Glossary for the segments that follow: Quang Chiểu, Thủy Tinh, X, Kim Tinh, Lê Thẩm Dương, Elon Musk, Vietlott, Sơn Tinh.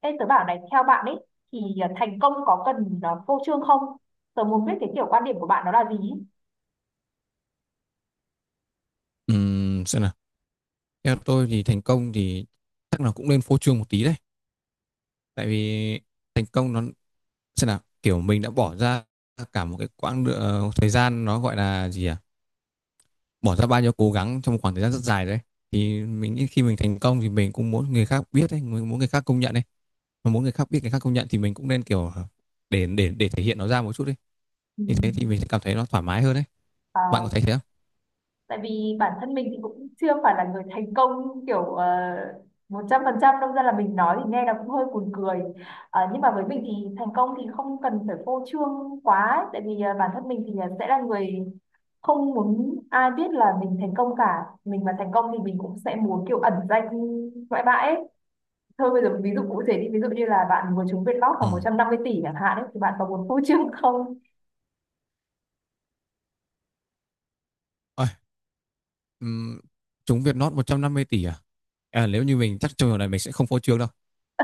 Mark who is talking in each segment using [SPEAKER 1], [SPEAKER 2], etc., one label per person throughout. [SPEAKER 1] Ê, tớ bảo này, theo bạn ấy thì thành công có cần phô trương không? Tớ muốn biết cái kiểu quan điểm của bạn nó là gì ý?
[SPEAKER 2] Xem nào, theo tôi thì thành công thì chắc là cũng nên phô trương một tí đấy, tại vì thành công nó, xem nào, kiểu mình đã bỏ ra cả một cái thời gian nó gọi là gì à, bỏ ra bao nhiêu cố gắng trong một khoảng thời gian rất dài đấy, thì mình nghĩ khi mình thành công thì mình cũng muốn người khác biết đấy, mình muốn người khác công nhận đấy. Mà muốn người khác biết, người khác công nhận thì mình cũng nên kiểu để thể hiện nó ra một chút đi.
[SPEAKER 1] Ừ.
[SPEAKER 2] Như thế thì mình sẽ cảm thấy nó thoải mái hơn đấy. Bạn
[SPEAKER 1] À,
[SPEAKER 2] có thấy thế không?
[SPEAKER 1] tại vì bản thân mình thì cũng chưa phải là người thành công kiểu 100% đâu ra là mình nói thì nghe nó cũng hơi buồn cười. Nhưng mà với mình thì thành công thì không cần phải phô trương quá ấy, tại vì bản thân mình thì sẽ là người không muốn ai biết là mình thành công cả. Mình mà thành công thì mình cũng sẽ muốn kiểu ẩn danh ngoại bạ ấy. Thôi bây giờ ví dụ cụ thể đi, ví dụ như là bạn vừa trúng Vietlott lót
[SPEAKER 2] Ừ.
[SPEAKER 1] khoảng 150 tỷ chẳng hạn ấy, thì bạn có muốn phô trương không?
[SPEAKER 2] Ôi, ừm, chúng Vietnot 150 tỷ à? À, nếu như mình, chắc trong trường này mình sẽ không phô trương đâu.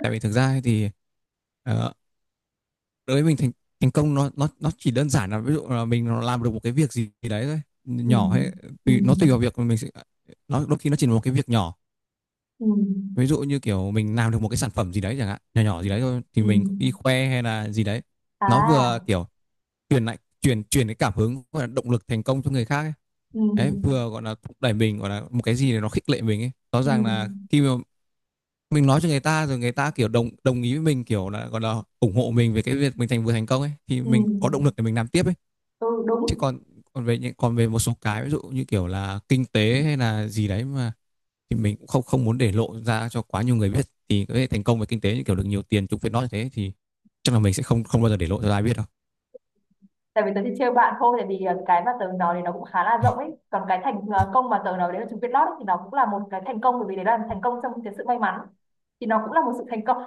[SPEAKER 2] Tại vì thực ra ấy thì, ờ, đối với mình, thành thành công nó chỉ đơn giản là, ví dụ là mình làm được một cái việc gì đấy thôi,
[SPEAKER 1] Ừ.
[SPEAKER 2] nhỏ hay
[SPEAKER 1] Ừ.
[SPEAKER 2] tùy, nó tùy vào việc mà mình sẽ, nó đôi khi nó chỉ là một cái việc nhỏ.
[SPEAKER 1] Ừ.
[SPEAKER 2] Ví dụ như kiểu mình làm được một cái sản phẩm gì đấy chẳng hạn, nhỏ nhỏ gì đấy thôi, thì
[SPEAKER 1] Ừ.
[SPEAKER 2] mình đi khoe hay là gì đấy, nó vừa
[SPEAKER 1] À.
[SPEAKER 2] kiểu truyền lại truyền truyền cái cảm hứng, gọi là động lực thành công cho người khác ấy.
[SPEAKER 1] Ừ.
[SPEAKER 2] Đấy, vừa gọi là thúc đẩy mình, gọi là một cái gì để nó khích lệ mình ấy. Rõ
[SPEAKER 1] Ừ.
[SPEAKER 2] ràng là khi mà mình nói cho người ta rồi, người ta kiểu đồng đồng ý với mình, kiểu là gọi là ủng hộ mình về cái việc mình vừa thành công ấy, thì
[SPEAKER 1] Ừ.
[SPEAKER 2] mình có động lực để mình làm tiếp ấy.
[SPEAKER 1] Ừ
[SPEAKER 2] Chứ
[SPEAKER 1] đúng.
[SPEAKER 2] còn, còn về những còn về một số cái ví dụ như kiểu là kinh tế hay là gì đấy mà, thì mình cũng không không muốn để lộ ra cho quá nhiều người biết, thì cái thành công về kinh tế như kiểu được nhiều tiền, chúng phải nói như thế, thì chắc là mình sẽ không không bao giờ để lộ cho ai biết đâu.
[SPEAKER 1] Tại vì tớ chỉ trêu bạn thôi, tại vì cái mà tớ nói thì nó cũng khá là rộng ấy, còn cái thành công mà tớ nói đấy là trúng Vietlott ấy, thì nó cũng là một cái thành công bởi vì đấy là thành công trong cái sự may mắn, thì nó cũng là một sự thành công.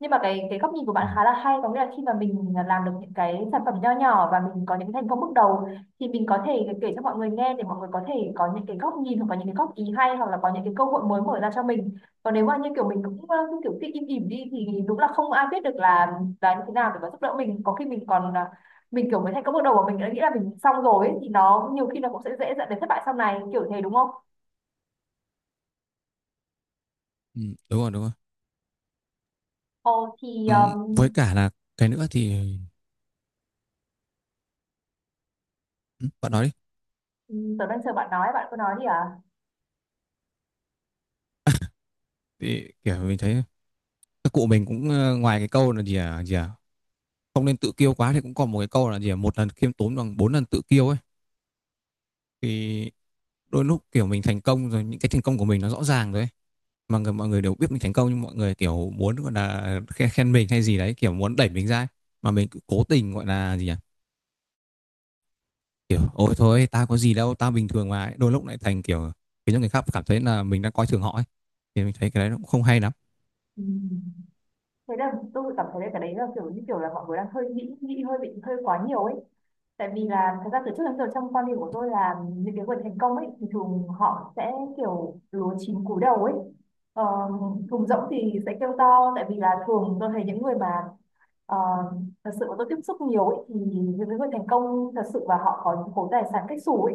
[SPEAKER 1] Nhưng mà cái góc nhìn của bạn
[SPEAKER 2] Ừ.
[SPEAKER 1] khá là hay, có nghĩa là khi mà mình làm được những cái sản phẩm nho nhỏ và mình có những thành công bước đầu thì mình có thể kể cho mọi người nghe để mọi người có thể có những cái góc nhìn, hoặc có những cái góp ý hay, hoặc là có những cái cơ hội mới mở ra cho mình. Còn nếu mà như kiểu mình cũng cứ kiểu cứ im ỉm đi thì đúng là không ai biết được là như thế nào để mà giúp đỡ mình, có khi mình còn mình kiểu mới thành công bước đầu mà mình đã nghĩ là mình xong rồi ấy, thì nó nhiều khi nó cũng sẽ dễ dẫn đến thất bại sau này kiểu thế đúng không?
[SPEAKER 2] Ừ, đúng rồi, đúng rồi.
[SPEAKER 1] Ồ thì
[SPEAKER 2] Với cả là cái nữa thì, ừ, bạn nói đi.
[SPEAKER 1] tớ đang chờ bạn nói, bạn cứ nói đi à.
[SPEAKER 2] Thì kiểu mình thấy các cụ mình cũng, ngoài cái câu là gì à không nên tự kiêu quá, thì cũng còn một cái câu là gì à, một lần khiêm tốn bằng bốn lần tự kiêu ấy. Thì đôi lúc kiểu mình thành công rồi, những cái thành công của mình nó rõ ràng rồi ấy, mà mọi người đều biết mình thành công, nhưng mọi người kiểu muốn gọi là khen mình hay gì đấy, kiểu muốn đẩy mình ra ấy. Mà mình cứ cố tình gọi là gì à, kiểu "ôi thôi, tao có gì đâu, tao bình thường mà ấy," đôi lúc lại thành kiểu khiến cho người khác cảm thấy là mình đang coi thường họ ấy, thì mình thấy cái đấy nó cũng không hay lắm.
[SPEAKER 1] Ừm. Thế là tôi cảm thấy là cái đấy là kiểu như kiểu là mọi người đang hơi nghĩ nghĩ hơi bị hơi quá nhiều ấy, tại vì là thật ra từ trước đến giờ trong quan điểm của tôi là những cái người thành công ấy thì thường họ sẽ kiểu lúa chín cúi đầu ấy. Ờ, Thùng rỗng thì sẽ kêu to, tại vì là thường tôi thấy những người mà Ờ, thật sự mà tôi tiếp xúc nhiều ấy, thì những người thành công thật sự và họ có những khối tài sản cách xù ấy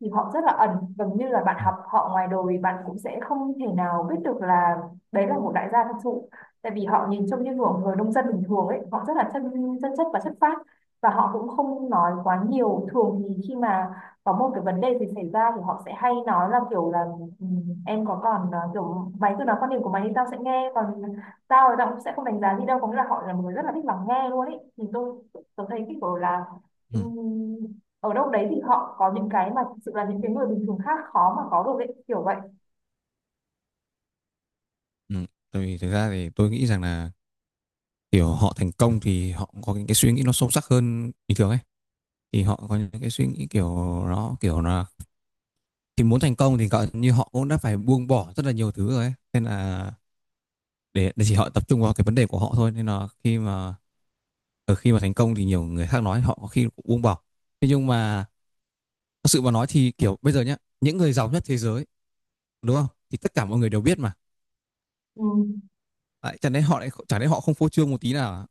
[SPEAKER 1] thì họ rất là ẩn, gần như là bạn học họ ngoài đời bạn cũng sẽ không thể nào biết được là đấy là một đại gia thật sự, tại vì họ nhìn trông như kiểu người nông dân bình thường ấy, họ rất là chân chân chất và chất phác, và họ cũng không nói quá nhiều. Thường thì khi mà có một cái vấn đề gì xảy ra thì họ sẽ hay nói là kiểu là "Ừ, em có còn kiểu mày cứ nói quan điểm của mày thì tao sẽ nghe, còn tao thì tao cũng sẽ không đánh giá gì đâu", có nghĩa là họ là một người rất là thích lắng nghe luôn ấy. Thì tôi thấy cái kiểu là
[SPEAKER 2] Ừ,
[SPEAKER 1] ừm, ở đâu đấy thì họ có những cái mà thực sự là những cái người bình thường khác khó mà có được ấy, kiểu vậy.
[SPEAKER 2] ừ. Tại vì thực ra thì tôi nghĩ rằng là kiểu họ thành công thì họ cũng có những cái suy nghĩ nó sâu sắc hơn bình thường ấy, thì họ có những cái suy nghĩ kiểu, nó kiểu là, thì muốn thành công thì gọi như họ cũng đã phải buông bỏ rất là nhiều thứ rồi ấy, nên là để chỉ họ tập trung vào cái vấn đề của họ thôi, nên là khi mà, ở khi mà thành công thì nhiều người khác nói họ có khi cũng buông bỏ. Thế nhưng mà thật sự mà nói thì kiểu bây giờ nhá, những người giàu nhất thế giới, đúng không, thì tất cả mọi người đều biết mà.
[SPEAKER 1] Ừm,
[SPEAKER 2] Đấy, chẳng lẽ họ lại, chẳng lẽ họ không phô trương một tí nào à?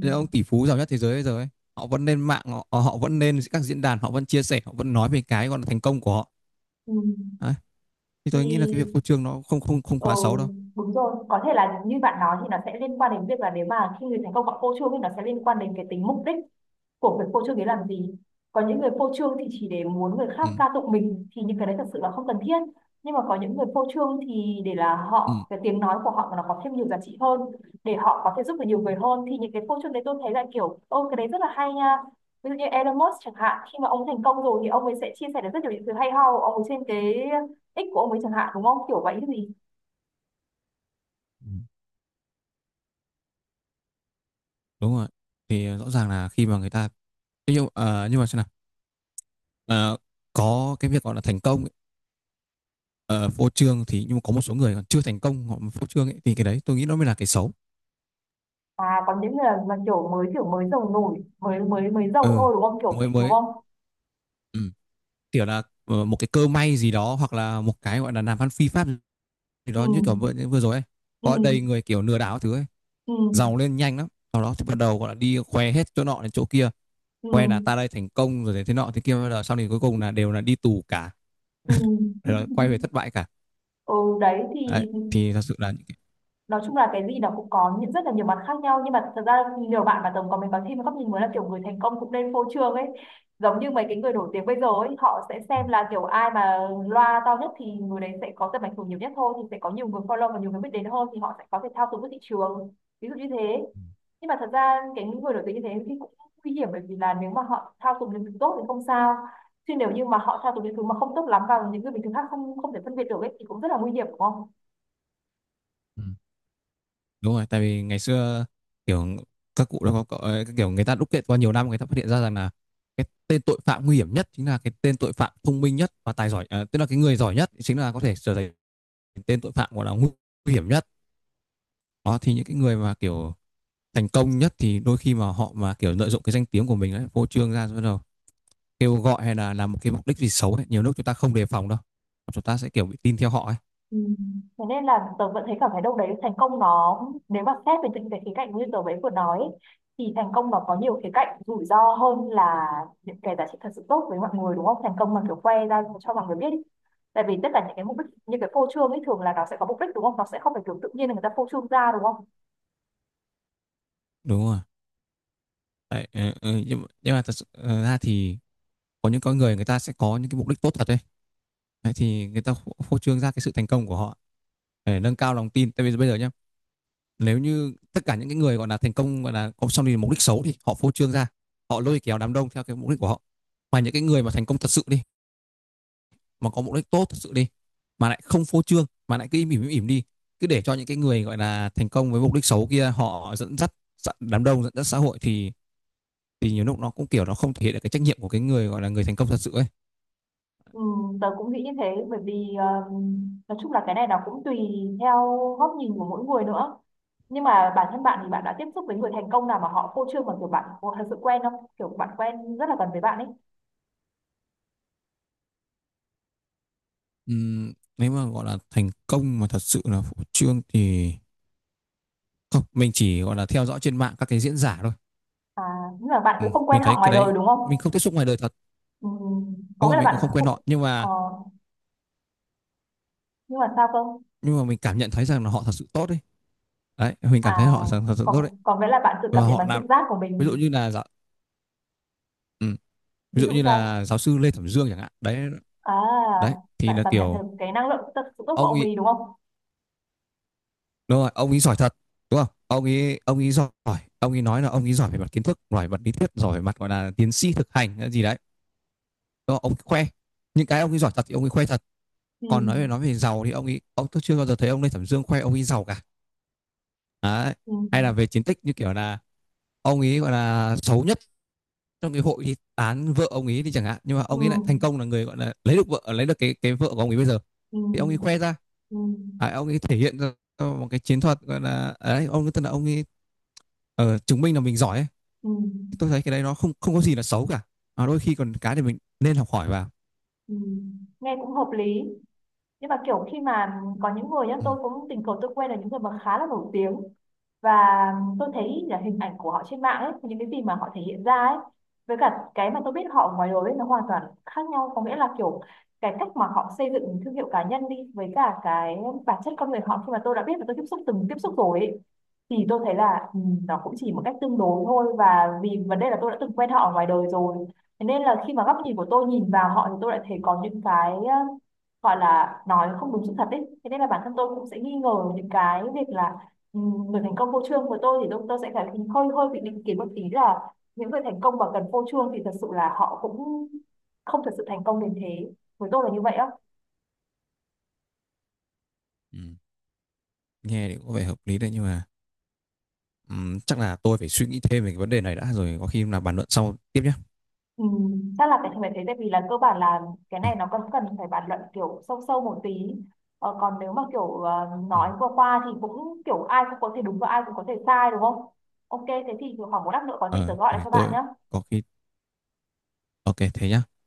[SPEAKER 2] Những ông tỷ phú giàu nhất thế giới bây giờ ấy, họ vẫn lên mạng họ, họ vẫn lên các diễn đàn, họ vẫn chia sẻ, họ vẫn nói về cái gọi là thành công của họ.
[SPEAKER 1] ừm.
[SPEAKER 2] Đấy, thì tôi nghĩ là cái việc
[SPEAKER 1] Thì
[SPEAKER 2] phô trương nó không không không
[SPEAKER 1] ừ,
[SPEAKER 2] quá xấu đâu.
[SPEAKER 1] đúng rồi, có thể là như bạn nói thì nó sẽ liên quan đến việc là nếu mà khi người thành công họ phô trương thì nó sẽ liên quan đến cái tính mục đích của việc phô trương đấy làm gì. Có những người phô trương thì chỉ để muốn người
[SPEAKER 2] Ừ.
[SPEAKER 1] khác ca tụng mình thì những cái đấy thật sự là không cần thiết. Nhưng mà có những người phô trương thì để là
[SPEAKER 2] Ừ.
[SPEAKER 1] họ, cái tiếng nói của họ mà nó có thêm nhiều giá trị hơn, để họ có thể giúp được nhiều người hơn, thì những cái phô trương đấy tôi thấy là kiểu ô cái đấy rất là hay nha. Ví dụ như Elon Musk chẳng hạn, khi mà ông thành công rồi thì ông ấy sẽ chia sẻ được rất nhiều những thứ hay ho của ông ấy trên cái X của ông ấy chẳng hạn, đúng không? Kiểu vậy chứ gì.
[SPEAKER 2] Ừ, đúng rồi. Thì rõ ràng là khi mà người ta, thế nhưng nhưng mà, xem nào, Ờ, có cái việc gọi là thành công ấy, ờ, phô trương thì, nhưng mà có một số người còn chưa thành công, họ mà phô trương ấy, thì cái đấy tôi nghĩ nó mới là cái xấu.
[SPEAKER 1] À còn những người mà kiểu mới giàu nổi mới mới mới giàu
[SPEAKER 2] Ừ.
[SPEAKER 1] thôi đúng không, kiểu
[SPEAKER 2] mới
[SPEAKER 1] vậy đúng
[SPEAKER 2] mới
[SPEAKER 1] không?
[SPEAKER 2] Ừ. Kiểu là, một cái cơ may gì đó, hoặc là một cái gọi là làm ăn phi pháp, thì
[SPEAKER 1] Ừ.
[SPEAKER 2] đó như kiểu vừa rồi ấy,
[SPEAKER 1] Ừ.
[SPEAKER 2] có đầy người kiểu lừa đảo thứ ấy,
[SPEAKER 1] Ừ.
[SPEAKER 2] giàu lên nhanh lắm, sau đó thì bắt đầu gọi là đi khoe hết chỗ nọ đến chỗ kia,
[SPEAKER 1] Ừ.
[SPEAKER 2] khoe là ta đây thành công rồi, thế nọ thế kia, rồi sau này cuối cùng là đều là đi tù cả.
[SPEAKER 1] Ừ.
[SPEAKER 2] Rồi quay về thất bại cả.
[SPEAKER 1] Ừ, đấy thì
[SPEAKER 2] Đấy thì thật sự là những cái...
[SPEAKER 1] nói chung là cái gì nó cũng có những rất là nhiều mặt khác nhau, nhưng mà thật ra nhiều bạn mà tổng có mình có thêm một góc nhìn mới là kiểu người thành công cũng nên phô trương ấy. Giống như mấy cái người nổi tiếng bây giờ ấy, họ sẽ xem là kiểu ai mà loa to nhất thì người đấy sẽ có tầm ảnh hưởng nhiều nhất thôi, thì sẽ có nhiều người follow và nhiều người biết đến hơn, thì họ sẽ có thể thao túng được thị trường, ví dụ như thế. Nhưng mà thật ra cái những người nổi tiếng như thế thì cũng nguy hiểm, bởi vì là nếu mà họ thao túng những thứ tốt thì không sao, chứ nếu như mà họ thao túng những thứ mà không tốt lắm vào những người bình thường khác không không thể phân biệt được ấy thì cũng rất là nguy hiểm đúng không?
[SPEAKER 2] Ừ, đúng rồi. Tại vì ngày xưa kiểu các cụ đó có kiểu người ta đúc kết qua nhiều năm, người ta phát hiện ra rằng là cái tên tội phạm nguy hiểm nhất chính là cái tên tội phạm thông minh nhất và tài giỏi à, tức là cái người giỏi nhất chính là có thể trở thành tên tội phạm, gọi là nguy hiểm nhất. Đó, thì những cái người mà kiểu thành công nhất thì đôi khi mà họ mà kiểu lợi dụng cái danh tiếng của mình ấy, phô trương ra rồi bắt đầu kêu gọi hay là làm một cái mục đích gì xấu ấy. Nhiều lúc chúng ta không đề phòng đâu. Chúng ta sẽ kiểu bị tin theo họ ấy.
[SPEAKER 1] Ừ. Thế nên là tớ vẫn thấy cảm thấy đâu đấy thành công nó, nếu mà xét về những cái khía cạnh như tớ ấy vừa nói ấy, thì thành công nó có nhiều khía cạnh rủi ro hơn là những cái giá trị thật sự tốt với mọi người, đúng không? Thành công mà kiểu khoe ra cho mọi người biết ý. Tại vì tất cả những cái mục đích như cái phô trương ấy thường là nó sẽ có mục đích đúng không, nó sẽ không phải kiểu tự nhiên là người ta phô trương ra đúng không?
[SPEAKER 2] Đúng rồi. Đấy, ừ, ừ, nhưng mà thật sự ra thì có những con người, người ta sẽ có những cái mục đích tốt thật đấy. Đấy, thì người ta phô phô trương ra cái sự thành công của họ để nâng cao lòng tin. Tại vì bây giờ nhá, nếu như tất cả những cái người gọi là thành công, gọi là có xong thì mục đích xấu, thì họ phô trương ra, họ lôi kéo đám đông theo cái mục đích của họ. Mà những cái người mà thành công thật sự đi, mà có mục đích tốt thật sự đi, mà lại không phô trương, mà lại cứ im ỉm đi, cứ để cho những cái người gọi là thành công với mục đích xấu kia họ dẫn dắt đám đông, dẫn dắt xã hội thì nhiều lúc nó cũng kiểu nó không thể hiện được cái trách nhiệm của cái người gọi là người thành công thật sự ấy.
[SPEAKER 1] Ừ, tớ cũng nghĩ như thế bởi vì nói chung là cái này nó cũng tùy theo góc nhìn của mỗi người nữa, nhưng mà bản thân bạn thì bạn đã tiếp xúc với người thành công nào mà họ phô trương mà kiểu bạn có thật sự quen không, kiểu bạn quen rất là gần với bạn ấy?
[SPEAKER 2] Nếu mà gọi là thành công mà thật sự là phô trương thì không, mình chỉ gọi là theo dõi trên mạng các cái diễn giả thôi.
[SPEAKER 1] À, nhưng mà bạn cũng không quen
[SPEAKER 2] Mình
[SPEAKER 1] họ
[SPEAKER 2] thấy cái
[SPEAKER 1] ngoài đời
[SPEAKER 2] đấy
[SPEAKER 1] đúng
[SPEAKER 2] mình
[SPEAKER 1] không?
[SPEAKER 2] không tiếp xúc ngoài đời thật.
[SPEAKER 1] Ừ, có
[SPEAKER 2] Đúng
[SPEAKER 1] nghĩa
[SPEAKER 2] là
[SPEAKER 1] là
[SPEAKER 2] mình cũng không
[SPEAKER 1] bạn
[SPEAKER 2] quen
[SPEAKER 1] cũng
[SPEAKER 2] họ,
[SPEAKER 1] ờ, nhưng mà sao cơ?
[SPEAKER 2] nhưng mà mình cảm nhận thấy rằng là họ thật sự tốt đấy. Đấy, mình
[SPEAKER 1] À
[SPEAKER 2] cảm thấy họ thật sự tốt đấy.
[SPEAKER 1] còn còn nghĩa là bạn tự cảm
[SPEAKER 2] Và
[SPEAKER 1] nhận
[SPEAKER 2] họ
[SPEAKER 1] bằng trực
[SPEAKER 2] làm,
[SPEAKER 1] giác của
[SPEAKER 2] ví dụ
[SPEAKER 1] mình?
[SPEAKER 2] như là ừ, ví
[SPEAKER 1] Ví
[SPEAKER 2] dụ
[SPEAKER 1] dụ
[SPEAKER 2] như
[SPEAKER 1] sao?
[SPEAKER 2] là giáo sư Lê Thẩm Dương chẳng hạn đấy.
[SPEAKER 1] À,
[SPEAKER 2] Đấy thì
[SPEAKER 1] bạn
[SPEAKER 2] là
[SPEAKER 1] cảm nhận
[SPEAKER 2] kiểu
[SPEAKER 1] được cái năng lượng thật sự tốt của
[SPEAKER 2] ông
[SPEAKER 1] ông
[SPEAKER 2] ấy,
[SPEAKER 1] ấy đúng không?
[SPEAKER 2] đúng rồi, ông ấy giỏi thật, đúng không, ông ấy giỏi. Ông ấy nói là ông ấy giỏi về mặt kiến thức, giỏi về mặt lý thuyết, giỏi về mặt gọi là tiến sĩ thực hành hay gì đấy, đúng. Ông ấy khoe những cái ông ấy giỏi thật thì ông ấy khoe thật.
[SPEAKER 1] Ừ,
[SPEAKER 2] Còn nói về, nói về giàu thì ông ấy ông tôi chưa bao giờ thấy ông Lê Thẩm Dương khoe ông ấy giàu cả. Đấy.
[SPEAKER 1] ừ,
[SPEAKER 2] Hay là về chiến tích như kiểu là ông ấy gọi là xấu nhất trong cái hội thì tán vợ ông ấy thì chẳng hạn, nhưng mà
[SPEAKER 1] ừ,
[SPEAKER 2] ông ấy lại thành công là người gọi là lấy được vợ, lấy được cái vợ của ông ấy bây giờ,
[SPEAKER 1] ừ.
[SPEAKER 2] thì ông ấy khoe ra,
[SPEAKER 1] Ừm,
[SPEAKER 2] à, ông ấy thể hiện ra một cái chiến thuật, gọi là đấy, ông ấy, tức là ông ấy chứng minh là mình giỏi ấy.
[SPEAKER 1] ừm,
[SPEAKER 2] Tôi thấy cái đấy nó không không có gì là xấu cả. À, đôi khi còn cái thì mình nên học hỏi vào.
[SPEAKER 1] Nghe cũng hợp lý. Nhưng mà kiểu khi mà có những người nhá,
[SPEAKER 2] Ừ.
[SPEAKER 1] tôi cũng tình cờ tôi quen là những người mà khá là nổi tiếng, và tôi thấy là hình ảnh của họ trên mạng ấy, những cái gì mà họ thể hiện ra ấy, với cả cái mà tôi biết họ ngoài đời ấy, nó hoàn toàn khác nhau, có nghĩa là kiểu cái cách mà họ xây dựng thương hiệu cá nhân đi với cả cái bản chất con người họ khi mà tôi đã biết và tôi tiếp xúc từng tiếp xúc rồi ấy, thì tôi thấy là ừ, nó cũng chỉ một cách tương đối thôi, và vì vấn đề là tôi đã từng quen họ ở ngoài đời rồi, thế nên là khi mà góc nhìn của tôi nhìn vào họ thì tôi lại thấy có những cái gọi là nói không đúng sự thật ấy, thế nên là bản thân tôi cũng sẽ nghi ngờ những cái việc là ừ, người thành công vô chương của tôi thì tôi sẽ phải hơi hơi bị định kiến một tí là những người thành công mà gần vô chương thì thật sự là họ cũng không thật sự thành công đến thế, với tôi là như vậy á.
[SPEAKER 2] Ừ. Nghe thì có vẻ hợp lý đấy, nhưng mà chắc là tôi phải suy nghĩ thêm về cái vấn đề này đã rồi có khi là bàn luận sau tiếp nhé.
[SPEAKER 1] Ừ, chắc là phải phải thế tại vì là cơ bản là cái
[SPEAKER 2] Ừ.
[SPEAKER 1] này nó còn cần phải bàn luận kiểu sâu sâu một tí. Còn nếu mà kiểu
[SPEAKER 2] Ừ.
[SPEAKER 1] nói qua qua thì cũng kiểu ai cũng có thể đúng và ai cũng có thể sai đúng không? Ok thế thì khoảng một lát nữa có gì tớ
[SPEAKER 2] Ờ,
[SPEAKER 1] gọi lại
[SPEAKER 2] thì
[SPEAKER 1] cho bạn
[SPEAKER 2] tôi
[SPEAKER 1] nhé.
[SPEAKER 2] có khi, ok thế nhá.